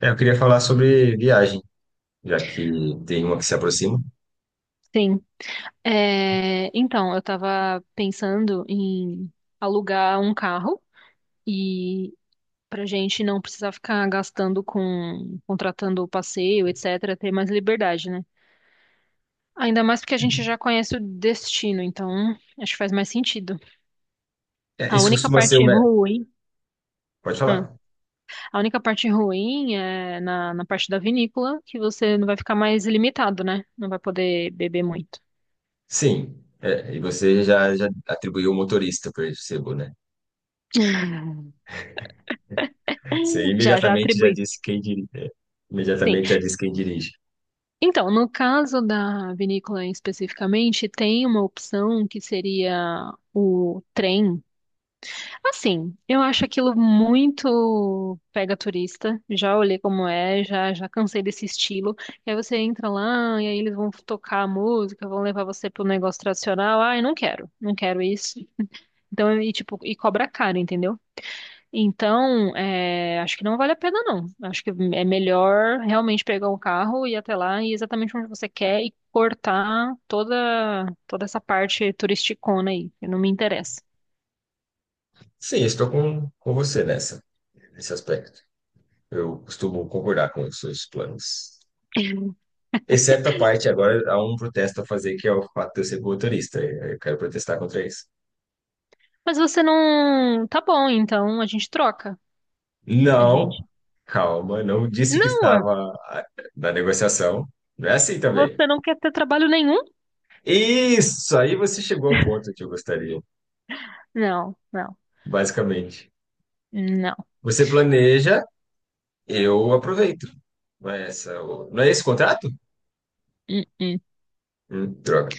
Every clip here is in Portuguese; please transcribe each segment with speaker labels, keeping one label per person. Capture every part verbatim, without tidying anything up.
Speaker 1: É, eu queria falar sobre viagem, já que tem uma que se aproxima.
Speaker 2: Sim. É, então, eu tava pensando em alugar um carro e pra gente não precisar ficar gastando com contratando o passeio, etc, ter mais liberdade, né? Ainda mais porque a gente já conhece o destino, então acho que faz mais sentido.
Speaker 1: É,
Speaker 2: A
Speaker 1: isso
Speaker 2: única
Speaker 1: costuma ser o
Speaker 2: parte
Speaker 1: melhor.
Speaker 2: ruim,
Speaker 1: Pode
Speaker 2: ah,
Speaker 1: falar.
Speaker 2: a única parte ruim é na, na parte da vinícola, que você não vai ficar mais limitado, né? Não vai poder beber muito.
Speaker 1: Sim. É, e você já, já atribuiu o motorista para esse, né? Você
Speaker 2: Já, já
Speaker 1: imediatamente já
Speaker 2: atribuí.
Speaker 1: disse quem dirige. é,
Speaker 2: Sim.
Speaker 1: Imediatamente já disse quem dirige.
Speaker 2: Então, no caso da vinícola especificamente, tem uma opção que seria o trem. Assim, eu acho aquilo muito pega turista. Já olhei como é, já já cansei desse estilo. E aí você entra lá e aí eles vão tocar a música, vão levar você pro negócio tradicional. Ai, não quero, não quero isso. Então, e tipo, e cobra caro, entendeu? Então, é, acho que não vale a pena, não. Acho que é melhor realmente pegar um carro e ir até lá e ir exatamente onde você quer e cortar toda, toda essa parte turisticona aí, que não me interessa.
Speaker 1: Sim, estou com, com você nessa, nesse aspecto. Eu costumo concordar com os seus planos. Exceto a parte, agora há um protesto a fazer, que é o fato de eu ser motorista. Eu quero protestar contra isso.
Speaker 2: Mas você não. Tá bom, então a gente troca, a
Speaker 1: Não,
Speaker 2: gente.
Speaker 1: calma, não disse que
Speaker 2: Não, ué,
Speaker 1: estava ah, na negociação. Não é assim também.
Speaker 2: você não quer ter trabalho nenhum?
Speaker 1: Isso, aí você chegou ao ponto que eu gostaria,
Speaker 2: Não, não,
Speaker 1: basicamente.
Speaker 2: não.
Speaker 1: Você planeja, eu aproveito. Não é essa, o- não é esse o contrato?
Speaker 2: Hum, hum.
Speaker 1: Hum, droga,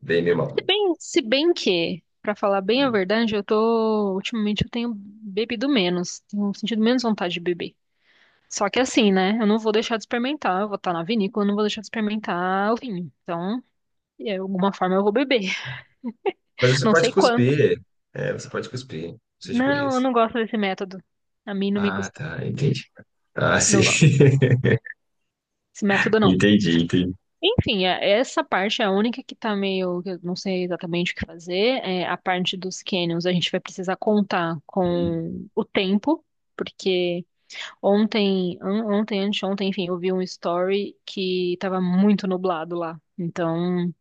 Speaker 1: bem meu
Speaker 2: Se
Speaker 1: mal.
Speaker 2: bem, se bem que, pra falar bem a
Speaker 1: Hum.
Speaker 2: verdade, eu tô. Ultimamente eu tenho bebido menos, tenho sentido menos vontade de beber. Só que assim, né? Eu não vou deixar de experimentar. Eu vou estar na vinícola, eu não vou deixar de experimentar o vinho. Então, de alguma forma eu vou beber.
Speaker 1: Mas você
Speaker 2: Não
Speaker 1: pode
Speaker 2: sei quanto.
Speaker 1: cuspir. É, você pode cuspir, suas
Speaker 2: Não, eu
Speaker 1: gurias.
Speaker 2: não gosto desse método. A mim não me
Speaker 1: Ah,
Speaker 2: gusta.
Speaker 1: tá, entendi. Ah, sim.
Speaker 2: Não gosto. Esse método não.
Speaker 1: Entendi, entendi.
Speaker 2: Enfim, é- essa parte é a única que tá meio, que eu não sei exatamente o que fazer. É a parte dos canyons, a gente vai precisar contar
Speaker 1: Hum.
Speaker 2: com o tempo. Porque ontem, an- ontem, anteontem, enfim, eu vi um story que tava muito nublado lá. Então,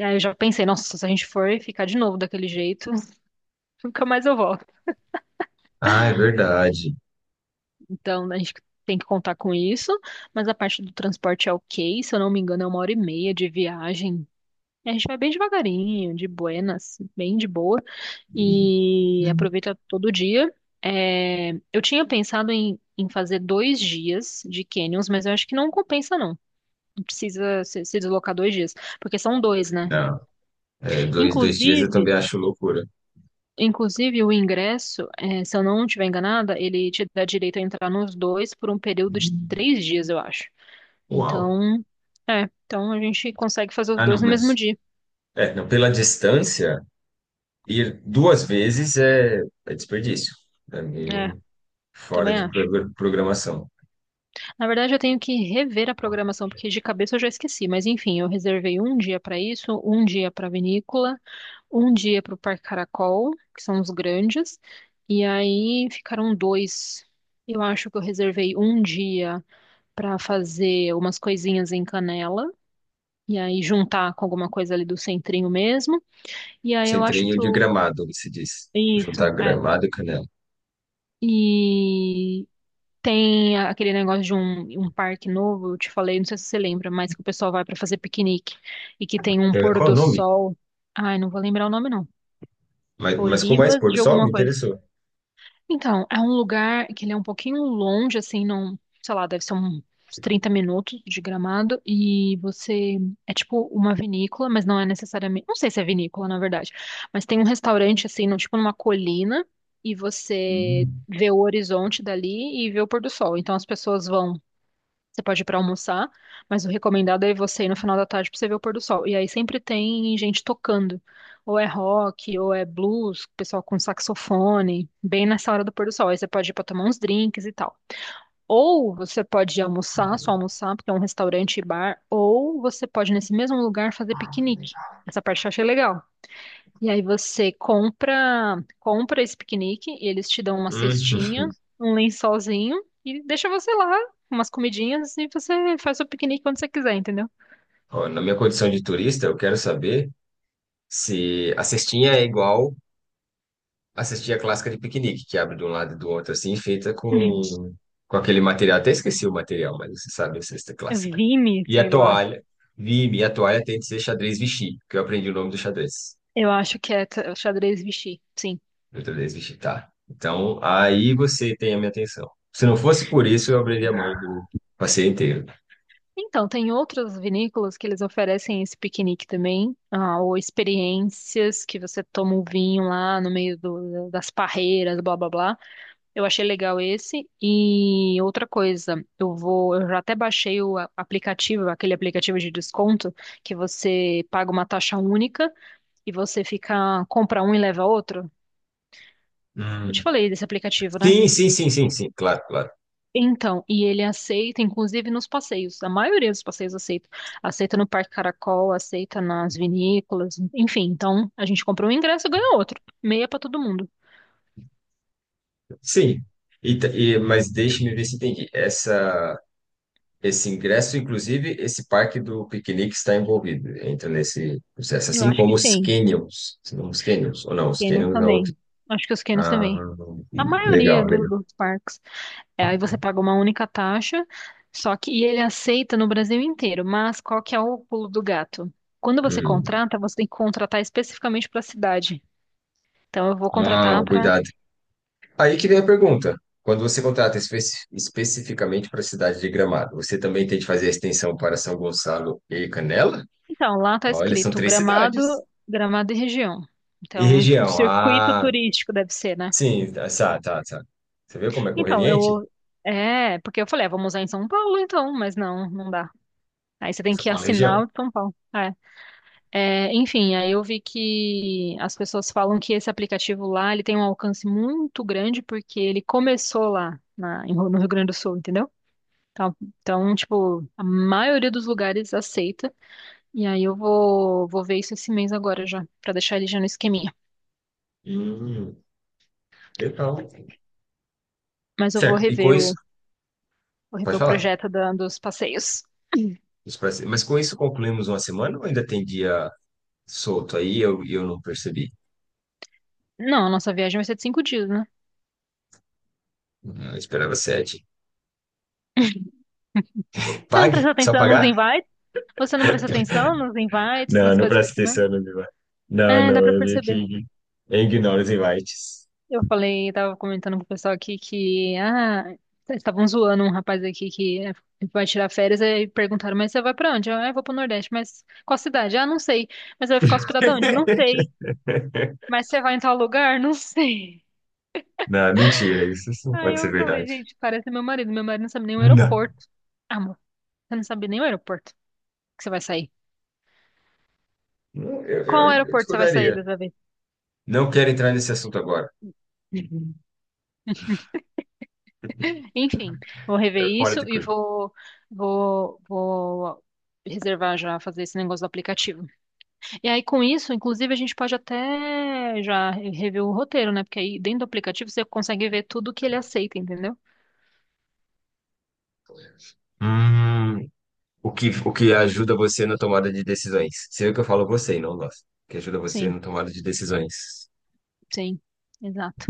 Speaker 2: aí eu já pensei, nossa, se a gente for ficar de novo daquele jeito, nunca mais eu volto.
Speaker 1: Ah, é verdade.
Speaker 2: Então a gente tem que contar com isso, mas a parte do transporte é ok, se eu não me engano, é uma hora e meia de viagem. E a gente vai bem devagarinho, de buenas, bem de boa, e aproveita todo dia. É, eu tinha pensado em, em fazer dois dias de canyons, mas eu acho que não compensa, não. Não precisa se, se deslocar dois dias, porque são dois, né?
Speaker 1: Não, é, dois, dois dias eu
Speaker 2: Inclusive,
Speaker 1: também acho loucura.
Speaker 2: Inclusive, o ingresso, eh, se eu não estiver enganada, ele te dá direito a entrar nos dois por um período de três dias, eu acho.
Speaker 1: Uau.
Speaker 2: Então, é, então a gente consegue fazer os
Speaker 1: Ah,
Speaker 2: dois
Speaker 1: não,
Speaker 2: no mesmo
Speaker 1: mas.
Speaker 2: dia.
Speaker 1: É, não, pela distância, ir duas vezes é, é desperdício. É
Speaker 2: É,
Speaker 1: meio fora
Speaker 2: também
Speaker 1: de
Speaker 2: acho.
Speaker 1: pro- programação.
Speaker 2: Na verdade, eu tenho que rever a programação, porque de cabeça eu já esqueci. Mas enfim, eu reservei um dia para isso, um dia para vinícola, um dia para o Parque Caracol, que são os grandes, e aí ficaram dois. Eu acho que eu reservei um dia para fazer umas coisinhas em Canela e aí juntar com alguma coisa ali do centrinho mesmo. E aí eu acho
Speaker 1: Centrinho
Speaker 2: que
Speaker 1: de
Speaker 2: o.
Speaker 1: Gramado, se diz.
Speaker 2: Isso,
Speaker 1: Juntar
Speaker 2: é.
Speaker 1: Gramado e Canela.
Speaker 2: E tem aquele negócio de um, um parque novo, eu te falei, não sei se você lembra, mas que o pessoal vai pra fazer piquenique e que tem um
Speaker 1: É,
Speaker 2: pôr
Speaker 1: qual o
Speaker 2: do
Speaker 1: nome?
Speaker 2: sol. Ai, não vou lembrar o nome, não.
Speaker 1: Mas, mas como é esse
Speaker 2: Olivas
Speaker 1: pôr do
Speaker 2: de
Speaker 1: sol?
Speaker 2: alguma
Speaker 1: Me
Speaker 2: coisa.
Speaker 1: interessou.
Speaker 2: Então, é um lugar que ele é um pouquinho longe, assim, não, sei lá, deve ser um- uns trinta minutos de Gramado, e você, é tipo uma vinícola, mas não é necessariamente, não sei se é vinícola, na verdade, mas tem um restaurante, assim, no, tipo numa colina, e você
Speaker 1: Hum.
Speaker 2: vê o horizonte dali e vê o pôr do sol, então as pessoas vão, você pode ir para almoçar, mas o recomendado é você ir no final da tarde para você ver o pôr do sol. E aí sempre tem gente tocando, ou é rock, ou é blues, pessoal com saxofone, bem nessa hora do pôr do sol. Aí você pode ir para tomar uns drinks e tal. Ou você pode ir almoçar, só almoçar, porque é um restaurante e bar, ou você pode nesse mesmo lugar fazer piquenique. Essa parte eu achei legal. E aí você compra, compra esse piquenique, e eles te dão uma
Speaker 1: Hum.
Speaker 2: cestinha, um lençolzinho e deixa você lá, umas comidinhas e você faz o piquenique quando você quiser, entendeu?
Speaker 1: Ó, na minha condição de turista, eu quero saber se a cestinha é igual. Assisti a clássica de piquenique, que abre de um lado e do outro, assim, feita com, com aquele material. Até esqueci o material, mas você sabe a cesta
Speaker 2: Hum.
Speaker 1: clássica.
Speaker 2: Vime,
Speaker 1: E
Speaker 2: sei
Speaker 1: a
Speaker 2: lá.
Speaker 1: toalha. Vi, e a toalha tem de ser xadrez Vichy, que eu aprendi o nome do xadrez.
Speaker 2: Eu acho que é t- xadrez Vichy, sim.
Speaker 1: Do xadrez Vichy, tá. Então, aí você tem a minha atenção. Se não fosse por isso, eu abriria a mão do passeio inteiro.
Speaker 2: Então, tem outras vinícolas que eles oferecem esse piquenique também, ah, ou experiências que você toma um vinho lá no meio do- das parreiras, blá blá blá. Eu achei legal esse. E outra coisa, eu vou, eu já até baixei o a- aplicativo, aquele aplicativo de desconto que você paga uma taxa única e você fica compra um e leva outro. Eu te
Speaker 1: Hum.
Speaker 2: falei desse aplicativo, né?
Speaker 1: Sim, sim, sim, sim, sim, claro, claro.
Speaker 2: Então, e ele aceita, inclusive nos passeios. A maioria dos passeios aceita. Aceita no Parque Caracol, aceita nas vinícolas, enfim. Então, a gente compra um ingresso e ganha outro. Meia pra todo mundo.
Speaker 1: Sim. E, ta- e- mas deixe-me ver se entendi. Essa. Esse ingresso, inclusive, esse parque do piquenique está envolvido, entra nesse processo,
Speaker 2: Eu
Speaker 1: assim
Speaker 2: acho que
Speaker 1: como os
Speaker 2: sim.
Speaker 1: canyons, não os canyons, ou não, os
Speaker 2: Canos
Speaker 1: canyons é outro.
Speaker 2: também. Acho que os Canos
Speaker 1: Ah,
Speaker 2: também. A maioria
Speaker 1: legal,
Speaker 2: do-
Speaker 1: legal.
Speaker 2: dos parques. É, aí você paga uma única taxa, só que e ele aceita no Brasil inteiro. Mas qual que é o pulo do gato? Quando você
Speaker 1: Hum.
Speaker 2: contrata, você tem que contratar especificamente para a cidade. Então eu vou
Speaker 1: Ah,
Speaker 2: contratar para.
Speaker 1: cuidado. Aí que vem a pergunta. Quando você contrata espe- especificamente para a cidade de Gramado, você também tem de fazer a extensão para São Gonçalo e Canela?
Speaker 2: Então, lá está
Speaker 1: Olha, são
Speaker 2: escrito
Speaker 1: três
Speaker 2: Gramado,
Speaker 1: cidades.
Speaker 2: Gramado e região.
Speaker 1: E
Speaker 2: Então, o
Speaker 1: região?
Speaker 2: circuito
Speaker 1: Ah,
Speaker 2: turístico deve ser, né?
Speaker 1: sim, tá, tá, tá, tá. Você viu como é
Speaker 2: Então,
Speaker 1: conveniente?
Speaker 2: eu é, porque eu falei, ah, vamos usar em São Paulo, então, mas não, não dá. Aí você tem
Speaker 1: São
Speaker 2: que
Speaker 1: Paulo e
Speaker 2: assinar
Speaker 1: região.
Speaker 2: o de São Paulo. É. É, enfim, aí eu vi que as pessoas falam que esse aplicativo lá, ele tem um alcance muito grande porque ele começou lá na- em- no Rio Grande do Sul, entendeu? Então, então, tipo, a maioria dos lugares aceita. E aí eu vou, vou ver isso esse mês agora já, pra deixar ele já no esqueminha.
Speaker 1: Hum, Legal.
Speaker 2: Mas eu vou
Speaker 1: Certo. E com
Speaker 2: rever
Speaker 1: isso,
Speaker 2: o, vou rever
Speaker 1: pode
Speaker 2: o
Speaker 1: falar.
Speaker 2: projeto da- dos passeios.
Speaker 1: Isso parece- Mas com isso concluímos uma semana ou ainda tem dia solto aí? Eu, eu não percebi.
Speaker 2: Não, a nossa viagem vai ser de cinco dias, né?
Speaker 1: Eu esperava sete.
Speaker 2: Você não
Speaker 1: Pague?
Speaker 2: presta
Speaker 1: Só
Speaker 2: atenção nos
Speaker 1: pagar?
Speaker 2: invites? Você não presta atenção nos invites, nas
Speaker 1: Não, não
Speaker 2: coisas que eu
Speaker 1: presta
Speaker 2: te mando?
Speaker 1: atenção no meu. Não,
Speaker 2: É, dá
Speaker 1: não,
Speaker 2: pra
Speaker 1: eu vi que
Speaker 2: perceber.
Speaker 1: ign- eu ignoro os invites.
Speaker 2: Eu falei, tava comentando com o pessoal aqui que, ah, eles estavam zoando um rapaz aqui que é, vai tirar férias e perguntaram, mas você vai pra onde? Eu, ah, eu vou pro Nordeste, mas qual cidade? Ah, não sei. Mas você vai ficar hospedado onde? Não sei. Mas você vai em tal lugar? Não sei.
Speaker 1: Não, mentira, isso isso não
Speaker 2: Aí
Speaker 1: pode ser
Speaker 2: eu falei,
Speaker 1: verdade.
Speaker 2: gente, parece meu marido. Meu marido não sabe nem o
Speaker 1: Não.
Speaker 2: aeroporto. Ah, amor, você não sabe nem o aeroporto que você vai sair.
Speaker 1: Não, Eu, eu,
Speaker 2: Qual
Speaker 1: eu
Speaker 2: aeroporto você vai sair
Speaker 1: discordaria.
Speaker 2: dessa vez?
Speaker 1: Não quero entrar nesse assunto agora.
Speaker 2: Uhum. Enfim, vou rever
Speaker 1: É fora
Speaker 2: isso
Speaker 1: de
Speaker 2: e
Speaker 1: coisa.
Speaker 2: vou, vou, vou reservar já, fazer esse negócio do aplicativo. E aí, com isso, inclusive, a gente pode até já rever o roteiro, né? Porque aí dentro do aplicativo você consegue ver tudo que ele aceita, entendeu?
Speaker 1: Hum, O que, o que ajuda você na tomada de decisões. Sei o que eu falo você, e não nós. Que ajuda você
Speaker 2: Sim,
Speaker 1: na tomada de decisões.
Speaker 2: sim, exato.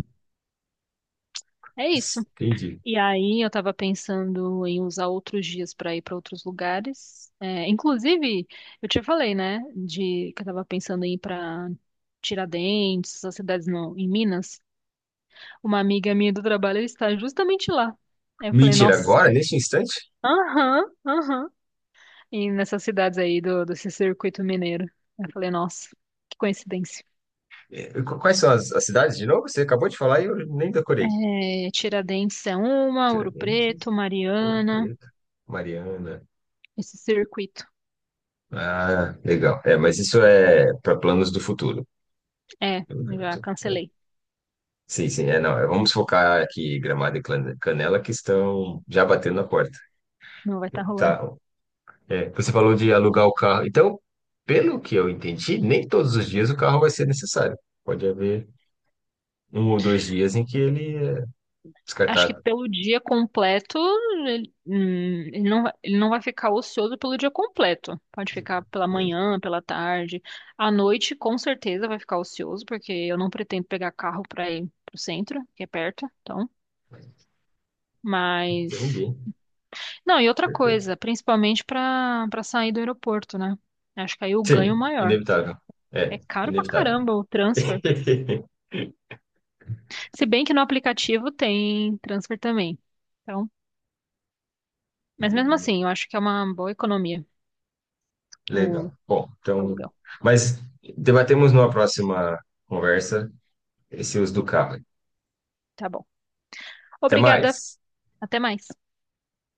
Speaker 2: É isso.
Speaker 1: Entendi.
Speaker 2: E aí, eu tava pensando em usar outros dias para ir para outros lugares. É, inclusive, eu te falei, né? De que eu tava pensando em ir para Tiradentes, essas cidades no, em Minas. Uma amiga minha do trabalho está justamente lá. Aí eu falei,
Speaker 1: Mentira,
Speaker 2: nossa,
Speaker 1: agora, neste instante?
Speaker 2: aham, aham. E nessas cidades aí do, desse circuito mineiro. Eu falei, nossa, que coincidência.
Speaker 1: É, qu- quais são as, as cidades de novo? Você acabou de falar e eu nem decorei.
Speaker 2: É, Tiradentes é uma, Ouro
Speaker 1: Tiradentes,
Speaker 2: Preto,
Speaker 1: Ouro
Speaker 2: Mariana,
Speaker 1: Preto, Mariana.
Speaker 2: esse circuito.
Speaker 1: Ah, legal. É, mas isso é para planos do futuro.
Speaker 2: É, já
Speaker 1: É.
Speaker 2: cancelei.
Speaker 1: Sim, sim, é, não. é, Vamos focar aqui Gramado e Clan- Canela, que estão já batendo na porta.
Speaker 2: Não vai estar rolando.
Speaker 1: Tá. É, você falou de alugar o carro. Então, pelo que eu entendi, nem todos os dias o carro vai ser necessário. Pode haver um ou dois dias em que ele é
Speaker 2: Acho que
Speaker 1: descartado.
Speaker 2: pelo dia completo, ele, hum, ele não, vai- ele não vai ficar ocioso pelo dia completo. Pode ficar pela manhã, pela tarde. À noite, com certeza, vai ficar ocioso, porque eu não pretendo pegar carro para ir pro centro, que é perto, então. Mas.
Speaker 1: Entendi.
Speaker 2: Não, e outra coisa, principalmente para para sair do aeroporto, né? Acho que aí o ganho
Speaker 1: Sim,
Speaker 2: maior.
Speaker 1: inevitável.
Speaker 2: É
Speaker 1: É,
Speaker 2: caro pra
Speaker 1: inevitável.
Speaker 2: caramba o transfer. Se bem que no aplicativo tem transfer também. Então, mas mesmo assim, eu acho que é uma boa economia o
Speaker 1: Legal. Bom, então,
Speaker 2: aluguel.
Speaker 1: mas debatemos numa próxima conversa esse uso do carro.
Speaker 2: Tá bom.
Speaker 1: Até
Speaker 2: Obrigada.
Speaker 1: mais.
Speaker 2: Até mais.